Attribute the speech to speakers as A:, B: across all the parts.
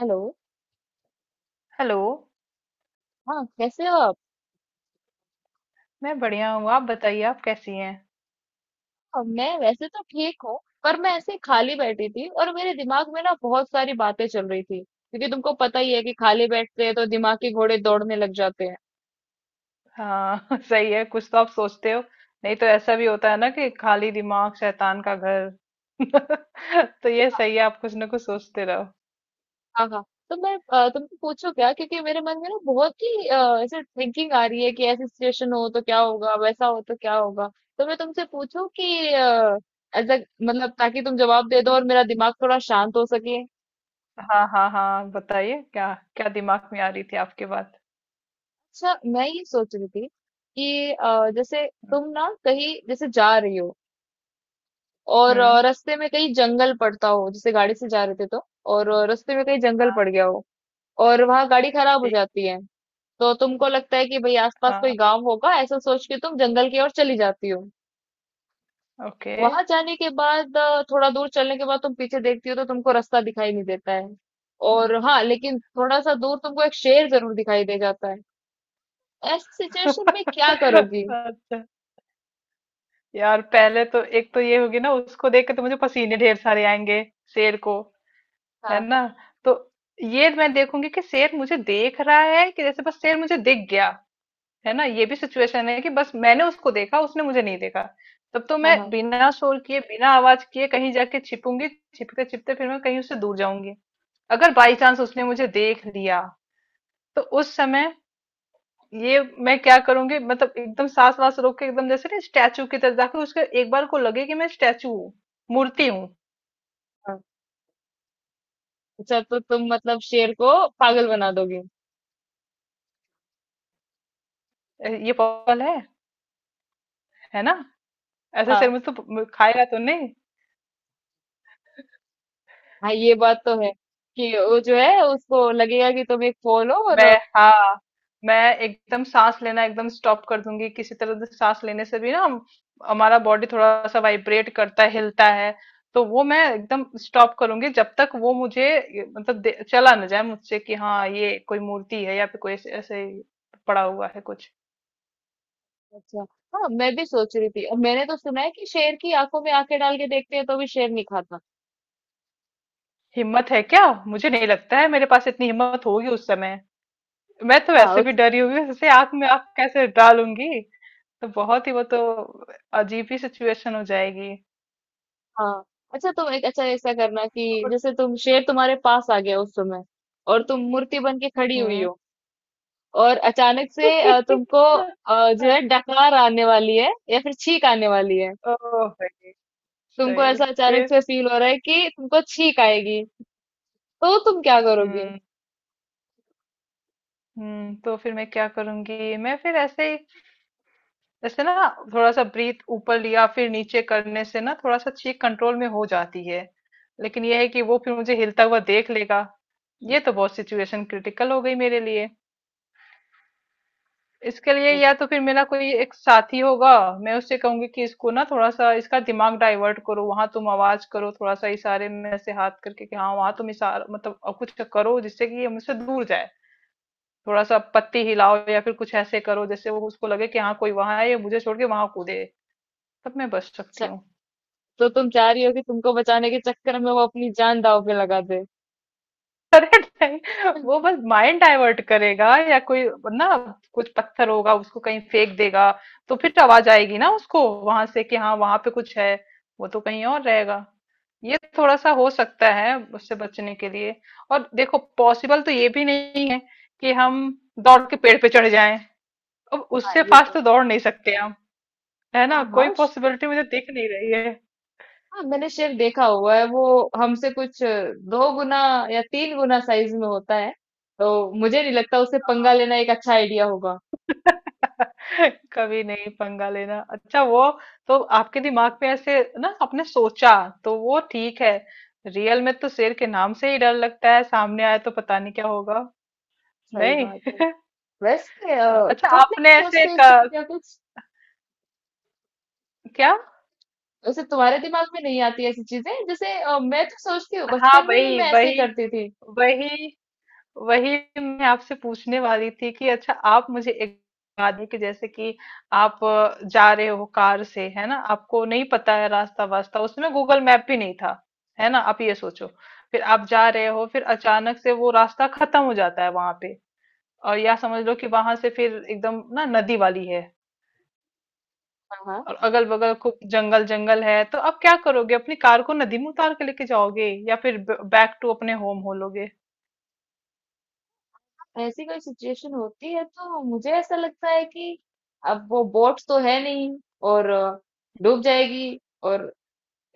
A: Hello.
B: Hello.
A: हाँ, कैसे हो आप?
B: मैं बढ़िया हूँ, आप बताइए, आप कैसी हैं?
A: हाँ, मैं वैसे तो ठीक हूँ। पर मैं ऐसे खाली बैठी थी और मेरे दिमाग में ना बहुत सारी बातें चल रही थी, क्योंकि तुमको पता ही है कि खाली बैठते हैं तो दिमाग के घोड़े दौड़ने लग जाते हैं।
B: हाँ सही है, कुछ तो आप सोचते हो। नहीं तो ऐसा भी होता है ना कि खाली दिमाग शैतान का घर। तो ये
A: हाँ।
B: सही है, आप कुछ ना कुछ सोचते रहो।
A: हाँ, हाँ। तो मैं तुमको पूछो क्या, क्योंकि मेरे मन में ना बहुत ही ऐसे थिंकिंग आ रही है कि ऐसी सिचुएशन हो तो क्या होगा, वैसा हो तो क्या होगा। तो मैं तुमसे पूछूं कि एज मतलब, ताकि तुम जवाब दे दो और मेरा दिमाग थोड़ा शांत हो सके।
B: हाँ हाँ हाँ बताइए, क्या क्या दिमाग में आ रही थी आपकी बात?
A: अच्छा, मैं ये सोच रही थी कि जैसे तुम ना कहीं जैसे जा रही हो, और
B: हम्म।
A: रास्ते में कहीं जंगल पड़ता हो, जैसे गाड़ी से जा रहे थे तो। और रास्ते में कहीं जंगल पड़ गया हो, और वहां गाड़ी खराब हो
B: ठीक।
A: जाती है। तो तुमको लगता है कि भाई आसपास
B: हाँ।
A: कोई गांव होगा, ऐसा सोच के तुम जंगल की ओर चली जाती हो।
B: ओके।
A: वहां जाने के बाद थोड़ा दूर चलने के बाद तुम पीछे देखती हो तो तुमको रास्ता दिखाई नहीं देता है। और हाँ, लेकिन थोड़ा सा दूर तुमको एक शेर जरूर दिखाई दे जाता है। ऐसी सिचुएशन में क्या करोगी?
B: अच्छा। यार पहले तो एक तो ये होगी ना, उसको देख के तो मुझे पसीने ढेर सारे आएंगे, शेर को। है
A: हाँ,
B: ना? तो ये मैं देखूंगी कि शेर मुझे देख रहा है कि जैसे बस शेर मुझे दिख गया। है ना, ये भी सिचुएशन है कि बस मैंने उसको देखा, उसने मुझे नहीं देखा। तब तो
A: हाँ,
B: मैं
A: हाँ।
B: बिना शोर किए, बिना आवाज किए कहीं जाके छिपूंगी। छिपते छिपते फिर मैं कहीं उससे दूर जाऊंगी। अगर बाई चांस उसने मुझे देख लिया, तो उस समय ये मैं क्या करूंगी, मतलब एकदम सांस वास रोक के, एकदम जैसे ना स्टैचू की तरफ जाके, उसके एक बार को लगे कि मैं स्टैचू हूँ, मूर्ति हूँ।
A: हाँ, अच्छा, तो तुम मतलब शेर को पागल बना दोगे।
B: ये पॉसिबल है ना? ऐसे
A: हाँ,
B: शर्म तो खाएगा तो नहीं।
A: हाँ, ये बात तो है कि वो जो है उसको लगेगा कि तुम एक फॉल हो, और
B: मैं हाँ, मैं एकदम सांस लेना एकदम स्टॉप कर दूंगी। किसी तरह से सांस लेने से भी ना हमारा बॉडी थोड़ा सा वाइब्रेट करता है, हिलता है। तो वो मैं एकदम स्टॉप करूंगी जब तक वो मुझे चला ना जाए मुझसे कि हाँ ये कोई मूर्ति है या फिर कोई ऐसे ऐसे पड़ा हुआ है कुछ।
A: अच्छा। हाँ, मैं भी सोच रही थी, और मैंने तो सुना है कि शेर की आंखों में आंखें डाल के देखते हैं तो भी शेर नहीं खाता।
B: हिम्मत है क्या? मुझे नहीं लगता है मेरे पास इतनी हिम्मत होगी उस समय। मैं तो
A: हाँ
B: वैसे भी
A: उस,
B: डरी हुई हूँ, जैसे आंख में आंख कैसे डालूंगी? तो बहुत ही वो तो अजीब ही सिचुएशन हो जाएगी।
A: हाँ। अच्छा, तुम एक अच्छा ऐसा करना कि
B: और
A: जैसे तुम शेर तुम्हारे पास आ गया उस समय, और तुम मूर्ति बन के खड़ी हुई
B: हम्म।
A: हो, और अचानक से तुमको जो
B: ओह!
A: है डकार आने वाली है या फिर छींक आने वाली है।
B: सही,
A: तुमको
B: सही।
A: ऐसा अचानक
B: फिर?
A: से फील हो रहा है कि तुमको छींक आएगी, तो तुम क्या करोगी?
B: हुँ, हुँ, तो फिर मैं क्या करूँगी? मैं फिर ऐसे ही, जैसे ना थोड़ा-सा ब्रीथ ऊपर लिया, फिर नीचे करने से ना थोड़ा-सा चीक कंट्रोल में हो जाती है। लेकिन ये है कि वो फिर मुझे हिलता हुआ देख लेगा। ये तो बहुत सिचुएशन क्रिटिकल हो गई मेरे लिए। इसके लिए या तो फिर मेरा कोई एक साथी होगा, मैं उससे कहूंगी कि इसको ना थोड़ा सा इसका दिमाग डाइवर्ट करो, वहां तुम आवाज करो, थोड़ा सा इशारे में ऐसे हाथ करके कि हाँ वहां तुम इशारा, कुछ करो जिससे कि ये मुझसे दूर जाए। थोड़ा सा पत्ती हिलाओ या फिर कुछ ऐसे करो जैसे वो, उसको लगे कि हाँ कोई वहां है, ये मुझे छोड़ के वहां कूदे। तब मैं बच सकती
A: अच्छा,
B: हूँ।
A: तो तुम चाह रही हो कि तुमको बचाने के चक्कर में वो अपनी जान दांव पे लगा दे।
B: अरे नहीं, वो बस माइंड डाइवर्ट करेगा या कोई, ना, कुछ पत्थर होगा उसको कहीं फेंक देगा। तो फिर आवाज आएगी ना, उसको वहां से कि हाँ वहां पे कुछ है। वो तो कहीं और रहेगा। ये थोड़ा सा हो सकता है उससे बचने के लिए। और देखो, पॉसिबल तो ये भी नहीं है कि हम दौड़ के पेड़ पे चढ़ जाएं। अब
A: हाँ
B: उससे
A: ये
B: फास्ट
A: पर।
B: तो दौड़ नहीं सकते हम। है ना?
A: हाँ,
B: कोई
A: हाँ, श-।
B: पॉसिबिलिटी मुझे दिख नहीं रही है।
A: हाँ, मैंने शेर देखा हुआ है, वो हमसे कुछ दो गुना या तीन गुना साइज में होता है, तो मुझे नहीं लगता उसे पंगा लेना एक अच्छा आइडिया होगा।
B: कभी नहीं पंगा लेना, अच्छा वो। तो आपके दिमाग में ऐसे ना आपने सोचा, तो वो ठीक है। रियल में तो शेर के नाम से ही डर लगता है, सामने आया तो पता नहीं क्या होगा।
A: सही
B: नहीं।
A: बात है। वैसे
B: अच्छा
A: तुम नहीं
B: आपने ऐसे
A: सोचते इस तरीके का कुछ?
B: क्या?
A: वैसे तुम्हारे दिमाग में नहीं आती ऐसी चीजें? जैसे मैं तो सोचती हूँ,
B: हाँ
A: बचपन में भी
B: वही
A: मैं ऐसे ही
B: वही
A: करती थी।
B: वही वही, मैं आपसे पूछने वाली थी कि अच्छा आप मुझे एक बात है कि जैसे कि आप जा रहे हो कार से, है ना, आपको नहीं पता है रास्ता वास्ता, उसमें गूगल मैप भी नहीं था। है ना, आप ये सोचो। फिर आप जा रहे हो, फिर अचानक से वो रास्ता खत्म हो जाता है वहां पे। और या समझ लो कि वहां से फिर एकदम ना नदी वाली है,
A: हाँ,
B: और अगल बगल खूब जंगल जंगल है। तो आप क्या करोगे? अपनी कार को नदी में उतार के लेके जाओगे या फिर बैक टू अपने होम हो लोगे?
A: ऐसी कोई सिचुएशन होती है तो मुझे ऐसा लगता है कि अब वो बोट तो है नहीं, और डूब जाएगी, और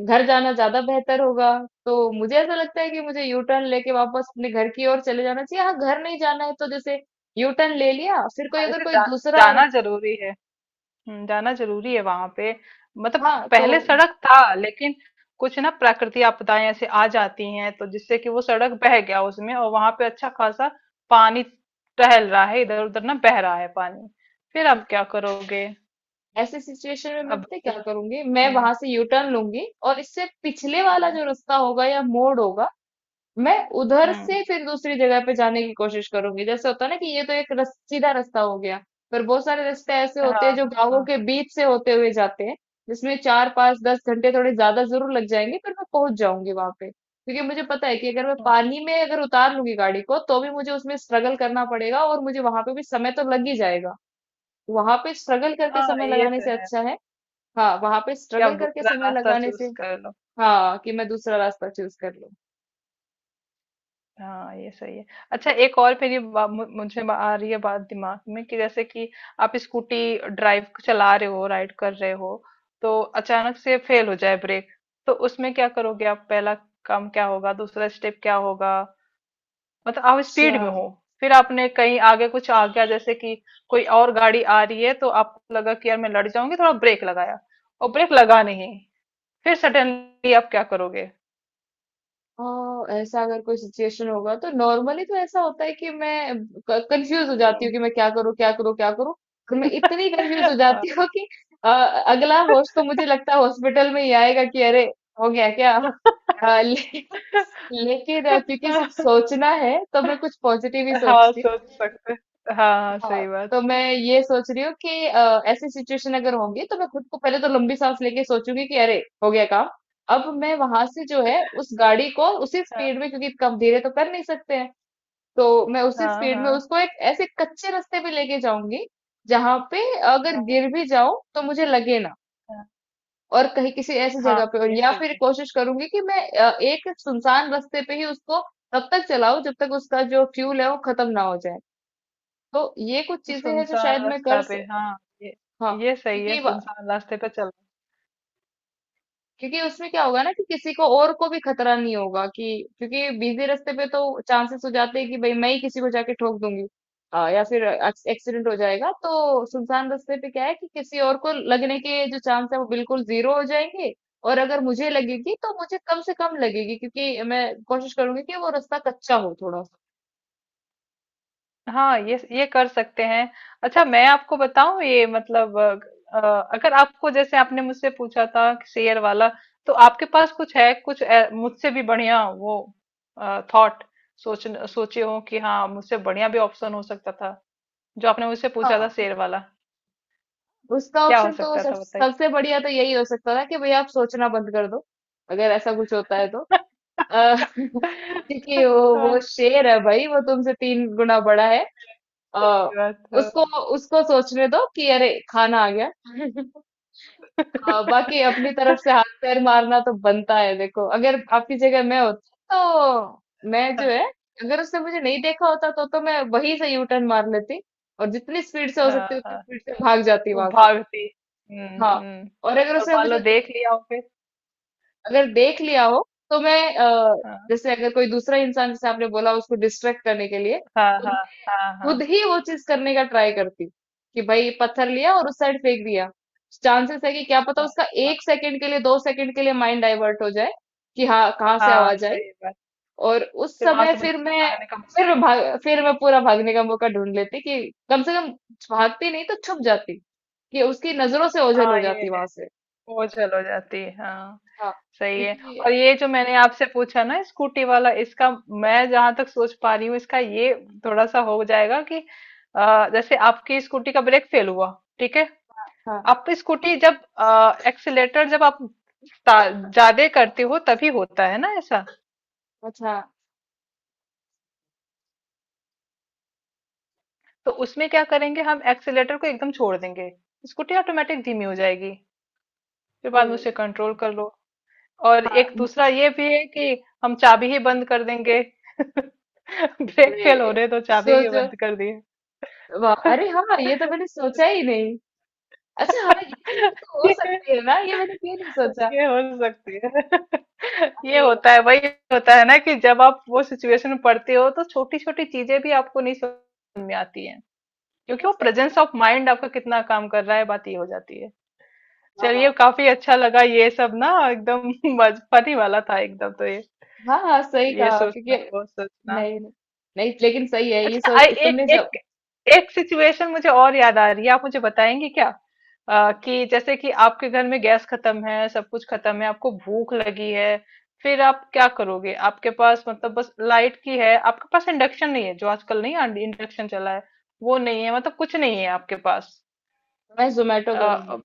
A: घर जाना ज्यादा बेहतर होगा। तो मुझे ऐसा लगता है कि मुझे यू टर्न लेके वापस अपने घर की ओर चले जाना चाहिए। हाँ, घर नहीं जाना है तो जैसे यू टर्न ले लिया, फिर कोई
B: हाँ,
A: अगर कोई दूसरा।
B: जाना जरूरी है। जाना जरूरी है वहां पे। मतलब
A: हाँ तो।
B: पहले सड़क था, लेकिन कुछ ना प्राकृतिक आपदाएं ऐसे आ जाती हैं, तो जिससे कि वो सड़क बह गया उसमें, और वहां पे अच्छा खासा पानी टहल रहा है, इधर उधर ना बह रहा है पानी। फिर
A: हम्म,
B: आप क्या करोगे?
A: ऐसे सिचुएशन में मैं
B: अब
A: पता है क्या
B: दूसरा-
A: करूंगी, मैं
B: हम्म।
A: वहां से यू टर्न लूंगी और इससे पिछले वाला
B: हम्म
A: जो रास्ता होगा या मोड़ होगा, मैं उधर
B: हम्म,
A: से फिर दूसरी जगह पे जाने की कोशिश करूंगी। जैसे होता है ना कि ये तो एक रस, सीधा रास्ता हो गया, पर बहुत सारे रास्ते ऐसे होते
B: हाँ
A: हैं जो
B: हाँ
A: गांवों
B: हाँ।
A: के बीच से होते हुए जाते हैं, जिसमें चार पांच दस घंटे थोड़े ज्यादा जरूर लग जाएंगे, पर मैं पहुंच जाऊंगी वहां पे। क्योंकि मुझे पता है कि अगर मैं
B: अच्छा,
A: पानी में अगर उतार लूंगी गाड़ी को तो भी मुझे उसमें स्ट्रगल करना पड़ेगा, और मुझे वहां पे भी समय तो लग ही जाएगा। वहां पे स्ट्रगल करके
B: हाँ
A: समय
B: ये
A: लगाने
B: तो
A: से
B: है
A: अच्छा है। हाँ, वहां पे
B: कि आप
A: स्ट्रगल करके
B: दूसरा
A: समय
B: रास्ता
A: लगाने से,
B: चूज कर लो।
A: हाँ कि मैं दूसरा रास्ता चूज कर लूं।
B: हाँ ये सही है। अच्छा एक और मुझे आ रही है बात दिमाग में कि जैसे कि आप स्कूटी ड्राइव चला रहे हो, राइड कर रहे हो, तो अचानक से फेल हो जाए ब्रेक। तो उसमें क्या करोगे आप? पहला काम क्या होगा? दूसरा स्टेप क्या होगा? मतलब आप
A: अच्छा।
B: स्पीड में हो, फिर आपने कहीं आगे कुछ आ गया, जैसे कि कोई और गाड़ी आ रही है, तो आपको लगा कि यार मैं लड़ जाऊंगी, थोड़ा ब्रेक लगाया, और ब्रेक लगा नहीं। फिर सडनली आप क्या करोगे?
A: हाँ, ऐसा अगर कोई सिचुएशन होगा तो नॉर्मली तो ऐसा होता है कि मैं कंफ्यूज हो जाती
B: हम्म।
A: हूँ कि मैं क्या करूँ क्या करूँ क्या करूँ, और मैं इतनी कंफ्यूज हो जाती
B: हाँ।
A: हूँ कि अ, अगला होश तो मुझे लगता है हॉस्पिटल में ही आएगा कि अरे हो गया क्या लेकिन क्योंकि सिर्फ सोचना है तो मैं कुछ पॉजिटिव ही
B: हाँ
A: सोचती हूँ।
B: सोच सकते हैं। हाँ
A: हाँ,
B: सही
A: तो
B: बात।
A: मैं ये सोच रही हूँ कि ऐसी सिचुएशन अगर होगी तो मैं खुद को पहले तो लंबी सांस लेके सोचूंगी कि अरे हो गया काम। अब मैं वहां से जो है उस गाड़ी को उसी
B: हाँ
A: स्पीड में, क्योंकि कम धीरे तो कर नहीं सकते हैं, तो मैं उसी
B: हाँ
A: स्पीड में
B: हाँ
A: उसको एक ऐसे कच्चे रास्ते पे लेके जाऊंगी जहां पे अगर
B: हाँ
A: गिर भी जाऊं तो मुझे लगे ना,
B: हाँ
A: और कहीं किसी ऐसी
B: हाँ,
A: जगह पे, और
B: ये
A: या
B: सही
A: फिर
B: है।
A: कोशिश करूंगी कि मैं एक सुनसान रास्ते पे ही उसको तब तक चलाऊं जब तक उसका जो फ्यूल है वो खत्म ना हो जाए। तो ये कुछ
B: तो
A: चीजें हैं जो
B: सुनसान
A: शायद मैं
B: रास्ता
A: कर।
B: पे, हाँ, ये
A: हाँ,
B: ये सही
A: क्योंकि
B: है, सुनसान रास्ते पे चल।
A: क्योंकि उसमें क्या होगा ना कि किसी को और को भी खतरा नहीं होगा कि, क्योंकि बिजी रास्ते पे तो चांसेस हो जाते हैं कि भाई मैं ही किसी को जाके ठोक दूंगी, या फिर एक्सीडेंट हो जाएगा। तो सुनसान रास्ते पे क्या है कि किसी और को लगने के जो चांस है वो बिल्कुल जीरो हो जाएंगे, और अगर मुझे लगेगी तो मुझे कम से कम लगेगी, क्योंकि मैं कोशिश करूंगी कि वो रास्ता कच्चा हो थोड़ा सा।
B: हाँ ये कर सकते हैं। अच्छा मैं आपको बताऊं, ये मतलब अ, अ, अगर आपको जैसे आपने मुझसे पूछा था कि शेयर वाला, तो आपके पास कुछ है कुछ मुझसे भी बढ़िया वो थॉट, सोच सोचे हो कि हाँ मुझसे बढ़िया भी ऑप्शन हो सकता था, जो आपने मुझसे पूछा था
A: हाँ,
B: शेयर वाला?
A: उसका
B: क्या हो
A: ऑप्शन तो
B: सकता
A: सब
B: था बताइए।
A: सबसे बढ़िया तो यही हो सकता था कि भाई आप सोचना बंद कर दो, अगर ऐसा कुछ होता है तो। अ, क्योंकि वो
B: हाँ
A: शेर है भाई, वो तुमसे तीन गुना बड़ा है। अ,
B: सही बात है।
A: उसको उसको सोचने दो कि अरे खाना आ गया। बाकी अपनी तरफ से हाथ पैर मारना तो बनता है। देखो, अगर आपकी जगह मैं होती तो मैं जो है, अगर उसने मुझे नहीं देखा होता तो मैं वहीं से यू टर्न मार लेती और जितनी स्पीड से हो
B: हाँ
A: सकती उतनी
B: हाँ,
A: स्पीड से भाग जाती
B: वो
A: वहां से।
B: भागती।
A: हाँ,
B: हम्म।
A: और अगर
B: और
A: उसने
B: मान लो
A: मुझे
B: देख
A: देख,
B: लिया हो फिर?
A: अगर देख लिया हो तो मैं
B: हाँ
A: जैसे अगर कोई दूसरा इंसान जैसे आपने बोला उसको डिस्ट्रैक्ट करने के लिए,
B: हाँ
A: तो
B: हाँ
A: मैं
B: हाँ हाँ
A: खुद ही वो चीज करने का ट्राई करती कि भाई पत्थर लिया और उस साइड फेंक दिया। चांसेस है कि क्या पता
B: हाँ
A: उसका
B: हाँ
A: एक सेकंड के लिए दो सेकंड के लिए माइंड डाइवर्ट हो जाए कि हाँ कहाँ से
B: हाँ,
A: आवाज आई,
B: सही बात।
A: और उस
B: फिर वहां
A: समय
B: से मुझे भागने का
A: फिर
B: मौका
A: मैं
B: मिला।
A: भाग फिर मैं पूरा भागने का मौका ढूंढ लेती कि कम से कम भागती नहीं तो छुप जाती, कि उसकी नजरों से ओझल हो
B: हाँ ये
A: जाती
B: है,
A: वहां से।
B: वो चल हो जाती है, हाँ
A: हाँ,
B: सही है।
A: क्योंकि
B: और ये जो मैंने आपसे पूछा ना स्कूटी वाला, इसका मैं जहां तक सोच पा रही हूँ, इसका ये थोड़ा सा हो जाएगा कि जैसे आपकी स्कूटी का ब्रेक फेल हुआ, ठीक है,
A: हाँ।
B: आप स्कूटी जब एक्सीलेटर जब आप ज्यादा करते हो तभी होता है ना ऐसा?
A: अच्छा।
B: तो उसमें क्या करेंगे? हम एक्सीलेटर को एकदम छोड़ देंगे, स्कूटी ऑटोमेटिक धीमी हो जाएगी, फिर बाद में
A: हम्म।
B: उसे कंट्रोल कर लो। और
A: हाँ,
B: एक
A: न-।
B: दूसरा ये भी है कि हम चाबी ही बंद कर देंगे। ब्रेक
A: अरे,
B: फेल हो रहे तो चाबी ही
A: सोचो,
B: बंद कर दिए।
A: वाह, अरे हाँ, ये तो मैंने सोचा ही नहीं। अच्छा, हाँ, ये चीज भी तो हो
B: ये,
A: सकती है ना, ये मैंने क्यों नहीं सोचा।
B: ये हो सकती है। ये
A: अरे,
B: होता है वही। होता है ना कि जब आप वो सिचुएशन में पड़ते हो, तो छोटी छोटी चीजें भी आपको नहीं समझ में आती हैं, क्योंकि
A: वाह,
B: वो
A: सही
B: प्रेजेंस
A: कहा।
B: ऑफ माइंड आपका कितना काम कर रहा है, बात ये हो जाती है।
A: वाह, वाह।
B: चलिए, काफी अच्छा लगा ये सब ना एकदम फनी वाला था एकदम। तो
A: हाँ, हाँ, सही
B: ये
A: कहा
B: सोचना
A: क्योंकि
B: वो सोचना।
A: नहीं, नहीं, नहीं, लेकिन सही है ये
B: अच्छा
A: सोच
B: एक
A: तुमने जब।
B: एक एक सिचुएशन मुझे और याद आ रही है, आप मुझे बताएंगे क्या? कि जैसे कि आपके घर में गैस खत्म है, सब कुछ खत्म है, आपको भूख लगी है। फिर आप क्या करोगे? आपके पास मतलब बस लाइट की है, आपके पास इंडक्शन नहीं है, जो आजकल नहीं इंडक्शन चला है, वो नहीं है, मतलब कुछ नहीं है आपके पास।
A: मैं जोमेटो करूंगी।
B: अ,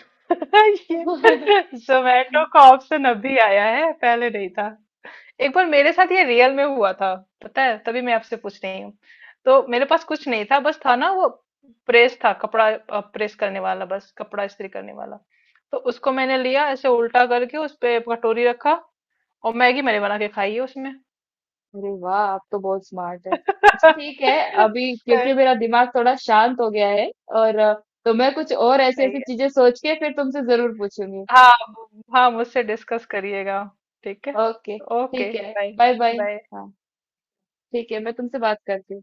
B: ये जोमेटो का ऑप्शन अभी आया है, पहले नहीं था। एक बार मेरे साथ ये रियल में हुआ था, पता है, तभी मैं आपसे पूछ रही हूँ। तो मेरे पास कुछ नहीं था, बस था ना वो प्रेस था, कपड़ा प्रेस करने वाला, बस कपड़ा इस्त्री करने वाला। तो उसको मैंने लिया ऐसे उल्टा करके, उस पे कटोरी रखा, और मैगी मैंने बना के खाई है उसमें।
A: अरे वाह, आप तो बहुत स्मार्ट है। अच्छा ठीक है। अभी
B: सही।
A: क्योंकि मेरा दिमाग थोड़ा शांत हो गया है, और तो मैं कुछ और ऐसी
B: सही
A: ऐसी
B: है।
A: चीजें सोच के फिर तुमसे जरूर पूछूंगी।
B: हाँ। हाँ मुझसे डिस्कस करिएगा। ठीक है।
A: ओके,
B: ओके
A: ठीक है।
B: बाय।
A: Bye, bye.
B: बाय।
A: ठीक है, मैं तुमसे बात करती हूँ।